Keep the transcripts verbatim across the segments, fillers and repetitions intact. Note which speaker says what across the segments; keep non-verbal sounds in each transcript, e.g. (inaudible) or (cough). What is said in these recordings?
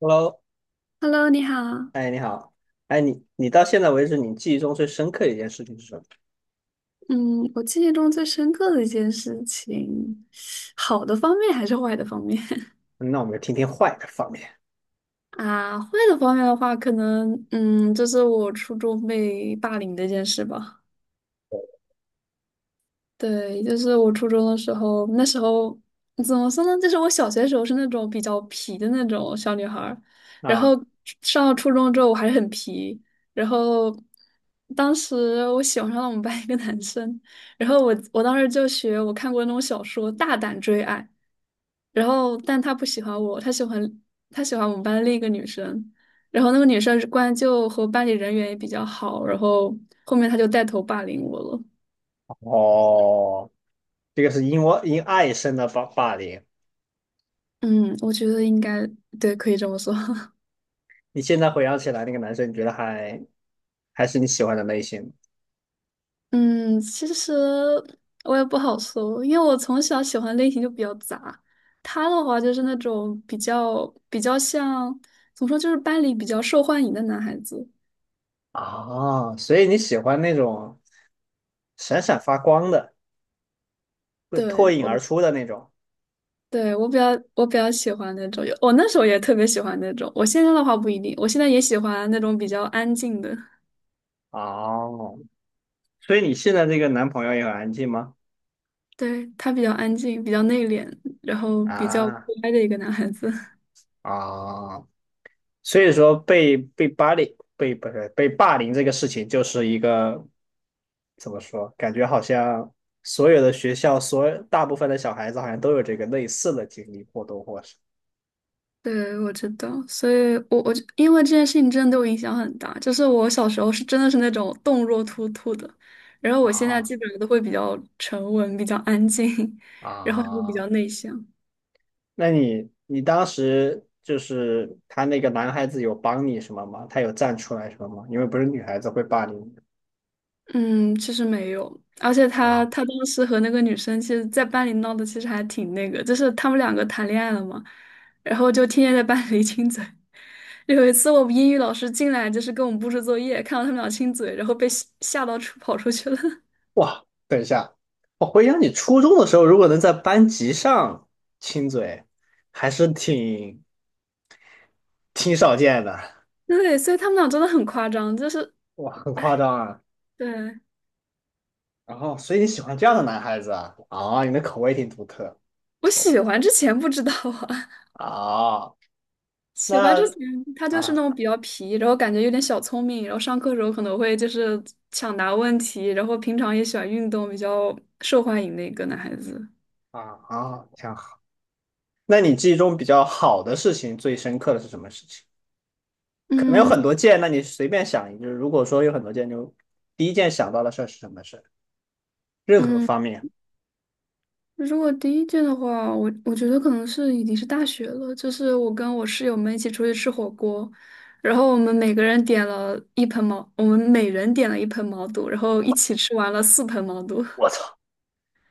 Speaker 1: Hello，
Speaker 2: Hello，你好。
Speaker 1: 哎，你好，哎，你你到现在为止，你记忆中最深刻的一件事情是什么？
Speaker 2: 嗯，我记忆中最深刻的一件事情，好的方面还是坏的方面？
Speaker 1: 嗯那我们就听听坏的方面
Speaker 2: (laughs) 啊？坏的方面的话，可能嗯，就是我初中被霸凌的一件事吧。对，就是我初中的时候，那时候怎么说呢？就是我小学的时候是那种比较皮的那种小女孩儿，然后
Speaker 1: 啊。
Speaker 2: 上了初中之后我还是很皮，然后当时我喜欢上了我们班一个男生，然后我我当时就学我看过那种小说《大胆追爱》，然后但他不喜欢我，他喜欢他喜欢我们班另一个女生，然后那个女生关就和班里人缘也比较好，然后后面他就带头霸凌我了。
Speaker 1: 哦，这个是因我因爱生的霸霸凌。
Speaker 2: 嗯，我觉得应该对，可以这么说。(laughs)
Speaker 1: 你现在回想起来，那个男生你觉得还还是你喜欢的类型
Speaker 2: 嗯，其实我也不好说，因为我从小喜欢类型就比较杂。他的话就是那种比较比较像，怎么说，就是班里比较受欢迎的男孩子。
Speaker 1: 啊？所以你喜欢那种闪闪发光的，会脱
Speaker 2: 对，
Speaker 1: 颖而
Speaker 2: 我，
Speaker 1: 出的那种。
Speaker 2: 对，我比较我比较喜欢那种，我那时候也特别喜欢那种。我现在的话不一定，我现在也喜欢那种比较安静的。
Speaker 1: 哦，所以你现在这个男朋友也很安静吗？
Speaker 2: 对，他比较安静，比较内敛，然后比较
Speaker 1: 啊
Speaker 2: 乖的一个男孩子。
Speaker 1: 啊，所以说被被霸凌被不是被霸凌这个事情，就是一个怎么说？感觉好像所有的学校，所有大部分的小孩子好像都有这个类似的经历，或多或少。
Speaker 2: 对，我知道，所以我我就因为这件事情真的对我影响很大，就是我小时候是真的是那种动若脱兔的，然后我现在
Speaker 1: 啊
Speaker 2: 基本上都会比较沉稳、比较安静，(laughs) 然后也会比
Speaker 1: 啊，
Speaker 2: 较内向。
Speaker 1: 那你你当时就是他那个男孩子有帮你什么吗？他有站出来什么吗？因为不是女孩子会霸凌你。
Speaker 2: 嗯，其实没有，而且他
Speaker 1: 啊，
Speaker 2: 他当时和那个女生，其实在班里闹的其实还挺那个，就是他们两个谈恋爱了嘛，然后就天天在班里亲嘴。有一次我们英语老师进来，就是跟我们布置作业，看到他们俩亲嘴，然后被吓吓到出跑出去了。
Speaker 1: 哇，等一下，我回想你初中的时候，如果能在班级上亲嘴，还是挺挺少见的，
Speaker 2: 对，所以他们俩真的很夸张，就是
Speaker 1: 哇，很夸张啊。
Speaker 2: 对。
Speaker 1: 然后，所以你喜欢这样的男孩子啊？啊，你的口味挺独特，
Speaker 2: 我
Speaker 1: 错不
Speaker 2: 喜
Speaker 1: 错
Speaker 2: 欢之前不知道啊，
Speaker 1: 啊，
Speaker 2: (laughs) 喜欢之
Speaker 1: 那
Speaker 2: 前他就是那
Speaker 1: 啊
Speaker 2: 种比较皮，然后感觉有点小聪明，然后上课的时候可能会就是抢答问题，然后平常也喜欢运动，比较受欢迎的一个男孩子。
Speaker 1: 啊啊，挺好。那你记忆中比较好的事情，最深刻的是什么事情？可能有
Speaker 2: 嗯。
Speaker 1: 很多件，那你随便想一个。如果说有很多件，就第一件想到的事儿是什么事儿？任何
Speaker 2: 嗯，
Speaker 1: 方面。
Speaker 2: 如果第一件的话，我我觉得可能是已经是大学了，就是我跟我室友们一起出去吃火锅，然后我们每个人点了一盆毛，我们每人点了一盆毛肚，然后一起吃完了四盆毛肚。
Speaker 1: 我操，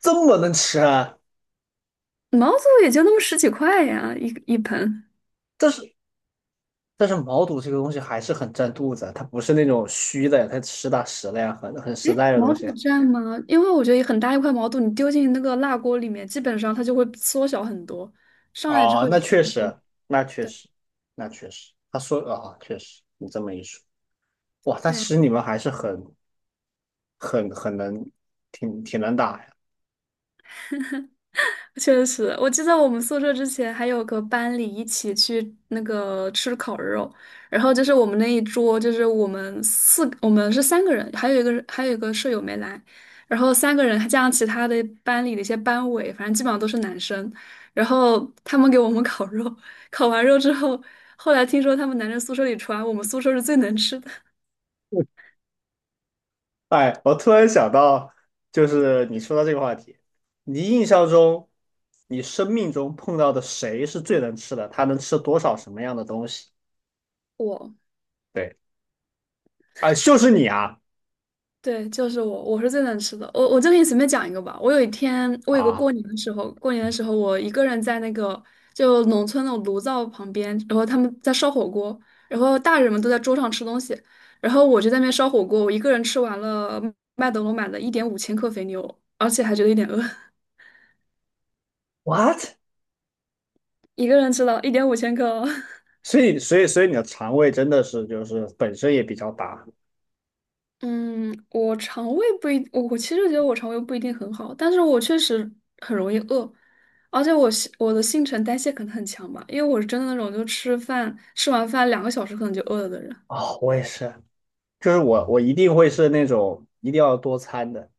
Speaker 1: 这么能吃啊！
Speaker 2: 毛肚也就那么十几块呀，一一盆。
Speaker 1: 但是但是毛肚这个东西还是很占肚子啊，它不是那种虚的，它实打实的呀，很很
Speaker 2: 哎，
Speaker 1: 实在的东
Speaker 2: 毛肚
Speaker 1: 西。
Speaker 2: 蘸吗？因为我觉得很大一块毛肚，你丢进那个辣锅里面，基本上它就会缩小很多，上来之
Speaker 1: 哦，
Speaker 2: 后也
Speaker 1: 那
Speaker 2: 差
Speaker 1: 确
Speaker 2: 不
Speaker 1: 实，
Speaker 2: 多。
Speaker 1: 那确
Speaker 2: 对。
Speaker 1: 实，那确实，他说啊、确实，你这么一说，哇，但
Speaker 2: 对
Speaker 1: 其
Speaker 2: 啊
Speaker 1: 实你们还是很、很、很能，挺挺能打呀。
Speaker 2: 确实，我记得我们宿舍之前还有个班里一起去那个吃烤肉，然后就是我们那一桌，就是我们四，我们是三个人，还有一个人还有一个舍友没来，然后三个人还加上其他的班里的一些班委，反正基本上都是男生，然后他们给我们烤肉，烤完肉之后，后来听说他们男生宿舍里传我们宿舍是最能吃的。
Speaker 1: 哎，我突然想到，就是你说到这个话题，你印象中，你生命中碰到的谁是最能吃的？他能吃多少什么样的东西？
Speaker 2: 我。
Speaker 1: 对，啊、就是你啊
Speaker 2: 对，就是我，我是最能吃的。我我就给你随便讲一个吧。我有一天，我有个过
Speaker 1: 啊
Speaker 2: 年的时候，过年的时候，我一个人在那个就农村那种炉灶旁边，然后他们在烧火锅，然后大人们都在桌上吃东西，然后我就在那边烧火锅，我一个人吃完了麦德龙买的一点五千克肥牛，而且还觉得有点饿，
Speaker 1: ，what？
Speaker 2: (laughs) 一个人吃了一点五千克哦。
Speaker 1: 所以，所以，所以你的肠胃真的是就是本身也比较大
Speaker 2: 嗯，我肠胃不一，我我其实觉得我肠胃不一定很好，但是我确实很容易饿，而且我新我的新陈代谢可能很强吧，因为我是真的那种就吃饭吃完饭两个小时可能就饿了的人。
Speaker 1: 哦，我也是。就是我我一定会是那种一定要多餐的。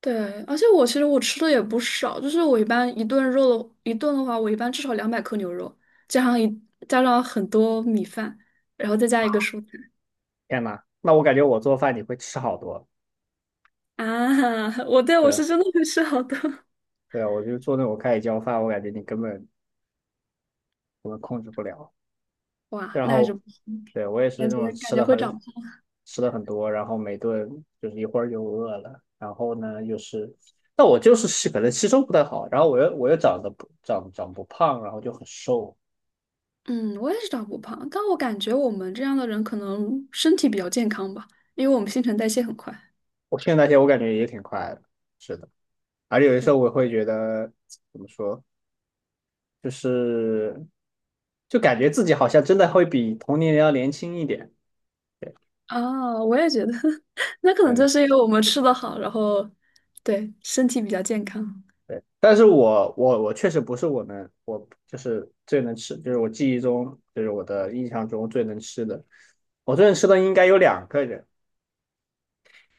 Speaker 2: 对，而且我其实我吃的也不少，就是我一般一顿肉的一顿的话，我一般至少两百克牛肉，加上一加上很多米饭，然后再加一个蔬菜。
Speaker 1: 天呐，那我感觉我做饭你会吃好多。
Speaker 2: 啊，我对。我是真
Speaker 1: 对
Speaker 2: 的会吃好多，
Speaker 1: 对啊，我就做那种盖浇饭，我感觉你根本我本控制不了。
Speaker 2: (laughs) 哇，
Speaker 1: 然
Speaker 2: 那还是
Speaker 1: 后，
Speaker 2: 不行，
Speaker 1: 对我也是那
Speaker 2: 感觉
Speaker 1: 种吃
Speaker 2: 感觉
Speaker 1: 的
Speaker 2: 会
Speaker 1: 很
Speaker 2: 长。
Speaker 1: 吃的很多，然后每顿就是一会儿就饿了，然后呢又是，那我就是吸可能吸收不太好，然后我又我又长得不长长不胖，然后就很瘦。
Speaker 2: 嗯，我也是长不胖，但我感觉我们这样的人可能身体比较健康吧，因为我们新陈代谢很快。
Speaker 1: 我现在那些，我感觉也挺快的，是的。而且有的时
Speaker 2: 对。
Speaker 1: 候我会觉得怎么说，就是就感觉自己好像真的会比同龄人要年轻一点，
Speaker 2: 啊，我也觉得，(laughs) 那可能
Speaker 1: 真
Speaker 2: 就
Speaker 1: 的。
Speaker 2: 是因为我们吃的好，然后对身体比较健康。
Speaker 1: 对，但是我我我确实不是我们，我就是最能吃，就是我记忆中，就是我的印象中最能吃的。我最能吃的应该有两个人。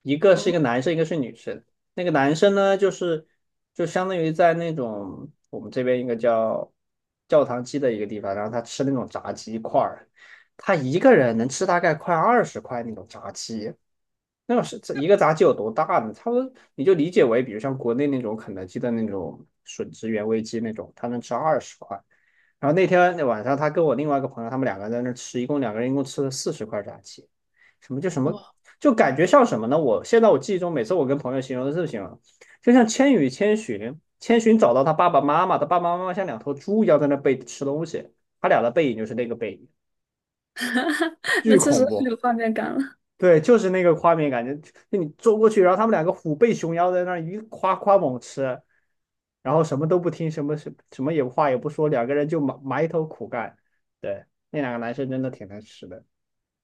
Speaker 1: 一个是一个
Speaker 2: 哦。
Speaker 1: 男生，一个是女生。那个男生呢，就是就相当于在那种我们这边一个叫教堂鸡的一个地方，然后他吃那种炸鸡块儿，他一个人能吃大概快二十块那种炸鸡。那是这一个炸鸡有多大呢？差不多你就理解为，比如像国内那种肯德基的那种吮指原味鸡那种，他能吃二十块。然后那天那晚上，他跟我另外一个朋友，他们两个人在那吃，一共两个人一共吃了四十块炸鸡。什么叫什么
Speaker 2: 哇，
Speaker 1: 就感觉像什么呢？我现在我记忆中，每次我跟朋友形容的事情容，就像《千与千寻》，千寻找到他爸爸妈妈，他爸爸妈妈像两头猪一样在那背吃东西，他俩的背影就是那个背影，
Speaker 2: (laughs)
Speaker 1: 巨
Speaker 2: 那确实
Speaker 1: 恐
Speaker 2: 很
Speaker 1: 怖。
Speaker 2: 有画面感了，
Speaker 1: 对，就是那个画面感觉，就你坐过去，然后他们两个虎背熊腰在那儿一夸夸猛吃，然后什么都不听，什么什什么也话也不说，两个人就埋埋头苦干。对，那两个男生真的挺能吃的，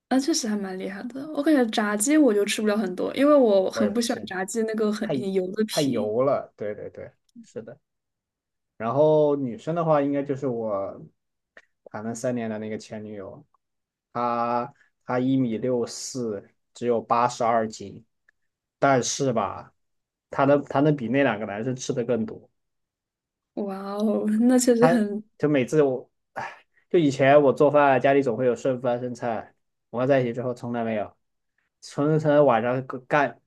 Speaker 2: 那确实还蛮厉害的。我感觉炸鸡我就吃不了很多，因为我
Speaker 1: 我也
Speaker 2: 很
Speaker 1: 不
Speaker 2: 不喜欢
Speaker 1: 信，
Speaker 2: 炸鸡那个很
Speaker 1: 太
Speaker 2: 很油的
Speaker 1: 太
Speaker 2: 皮。
Speaker 1: 油了。对对对，是的。然后女生的话，应该就是我谈了三年的那个前女友，她她一米六四，只有八十二斤，但是吧，她能她能比那两个男生吃的更多。
Speaker 2: 哇哦，(laughs) 那确实
Speaker 1: 她
Speaker 2: 很。
Speaker 1: 就每次我，唉，就以前我做饭，家里总会有剩饭剩菜，我们在一起之后从来没有，从从晚上干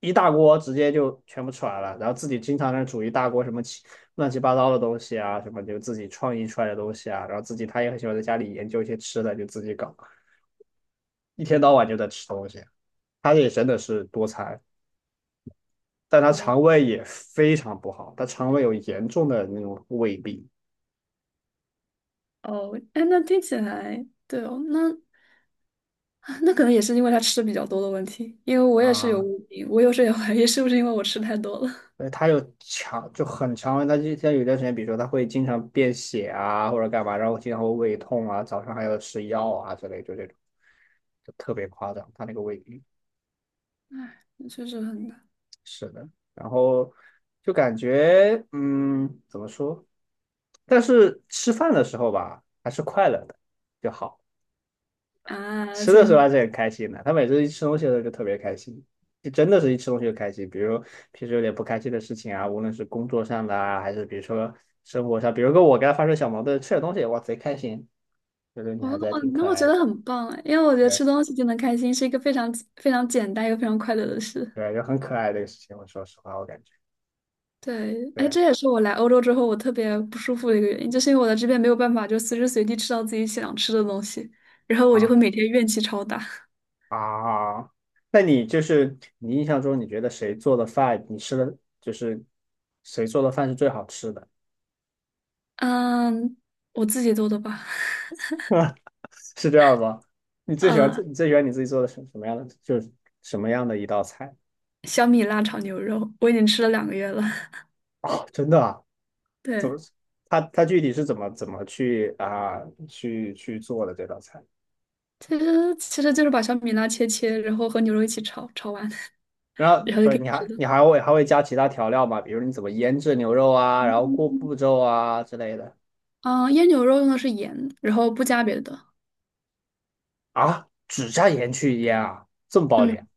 Speaker 1: 一大锅直接就全部出来了，然后自己经常在那煮一大锅什么奇乱七八糟的东西啊，什么就自己创意出来的东西啊，然后自己他也很喜欢在家里研究一些吃的，就自己搞，一天到晚就在吃东西。他也真的是多餐，但他
Speaker 2: 啊。
Speaker 1: 肠胃也非常不好，他肠胃有严重的那种胃病
Speaker 2: 哦，哎，那听起来对哦，那。(laughs) 那可能也是因为他吃的比较多的问题，因为我也是有
Speaker 1: 啊，
Speaker 2: 胃病，我有时候也怀疑是不是因为我吃太多了。(laughs)
Speaker 1: 所以他有强就很强，他就他有一段时间，比如说他会经常便血啊或者干嘛，然后经常会胃痛啊，早上还要吃药啊之类，就这种就特别夸张，他那个胃病。
Speaker 2: 唉，确实很难
Speaker 1: 是的，然后就感觉，嗯，怎么说？但是吃饭的时候吧，还是快乐的就好。
Speaker 2: 啊，
Speaker 1: 吃的时
Speaker 2: 这
Speaker 1: 候还是很开心的。他每次一吃东西的时候就特别开心，就真的是一吃东西就开心。比如平时有点不开心的事情啊，无论是工作上的啊，还是比如说生活上，比如说我跟他发生小矛盾，吃点东西，哇，贼开心。这个女
Speaker 2: 哦
Speaker 1: 孩子还
Speaker 2: 哦，
Speaker 1: 挺
Speaker 2: 那
Speaker 1: 可
Speaker 2: 我
Speaker 1: 爱
Speaker 2: 觉
Speaker 1: 的，
Speaker 2: 得很棒哎，因为我觉得
Speaker 1: 对
Speaker 2: 吃东西就能开心是一个非常非常简单又非常快乐的事。
Speaker 1: 对，就很可爱这个事情。我说实话，我感觉
Speaker 2: 对，哎，
Speaker 1: 对。
Speaker 2: 这也是我来欧洲之后我特别不舒服的一个原因，就是因为我在这边没有办法就随时随地吃到自己想吃的东西，然后我就会
Speaker 1: 啊。
Speaker 2: 每天怨气超大。
Speaker 1: 啊，那你就是你印象中，你觉得谁做的饭，你吃的就是谁做的饭是最好吃的？
Speaker 2: 嗯，我自己做的吧。
Speaker 1: (laughs) 是这样吗？你最喜欢自
Speaker 2: 嗯，
Speaker 1: 你最喜欢你自己做的什什么样的，就是什么样的一道菜？
Speaker 2: 小米辣炒牛肉，我已经吃了两个月了。
Speaker 1: (laughs) 哦，真的啊？怎
Speaker 2: 对。
Speaker 1: 么？他他具体是怎么怎么去啊去去做的这道菜？
Speaker 2: 其实其实就是把小米辣切切，然后和牛肉一起炒，炒完
Speaker 1: 然
Speaker 2: (laughs)
Speaker 1: 后
Speaker 2: 然后就
Speaker 1: 不
Speaker 2: 可
Speaker 1: 是
Speaker 2: 以
Speaker 1: 你
Speaker 2: 吃
Speaker 1: 还
Speaker 2: 的。
Speaker 1: 你还会还会加其他调料吗？比如你怎么腌制牛肉啊，然后过
Speaker 2: 嗯。
Speaker 1: 步骤啊之类的
Speaker 2: 啊，腌牛肉用的是盐，然后不加别的。
Speaker 1: 啊？只加盐去腌啊？这么暴
Speaker 2: 嗯，
Speaker 1: 力？(laughs)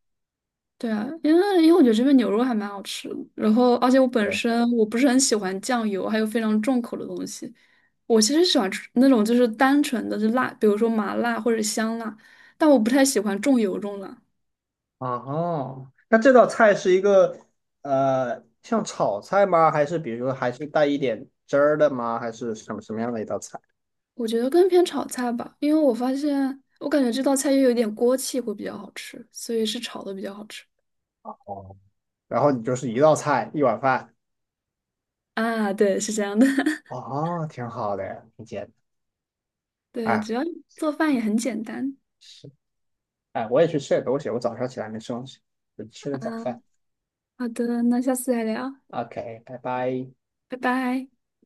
Speaker 2: 对啊，因为因为我觉得这边牛肉还蛮好吃的，然后而且我本
Speaker 1: 对。
Speaker 2: 身我不是很喜欢酱油，还有非常重口的东西。我其实喜欢吃那种就是单纯的就辣，比如说麻辣或者香辣，但我不太喜欢重油重辣。
Speaker 1: 啊哈，那这道菜是一个呃，像炒菜吗？还是比如说还是带一点汁儿的吗？还是什么什么样的一道菜？
Speaker 2: 我觉得更偏炒菜吧，因为我发现我感觉这道菜又有点锅气会比较好吃，所以是炒的比较好吃。
Speaker 1: 哦，然后你就是一道菜一碗饭，
Speaker 2: 啊，对，是这样的，(laughs)
Speaker 1: 哦，挺好的，挺简单。
Speaker 2: 对，
Speaker 1: 哎，
Speaker 2: 只要做饭也很简单
Speaker 1: 是，哎，我也去吃点东西，我早上起来没吃东西，就吃个早
Speaker 2: 啊。
Speaker 1: 饭。
Speaker 2: 好的，那下次再聊，
Speaker 1: OK，拜拜。
Speaker 2: 拜拜。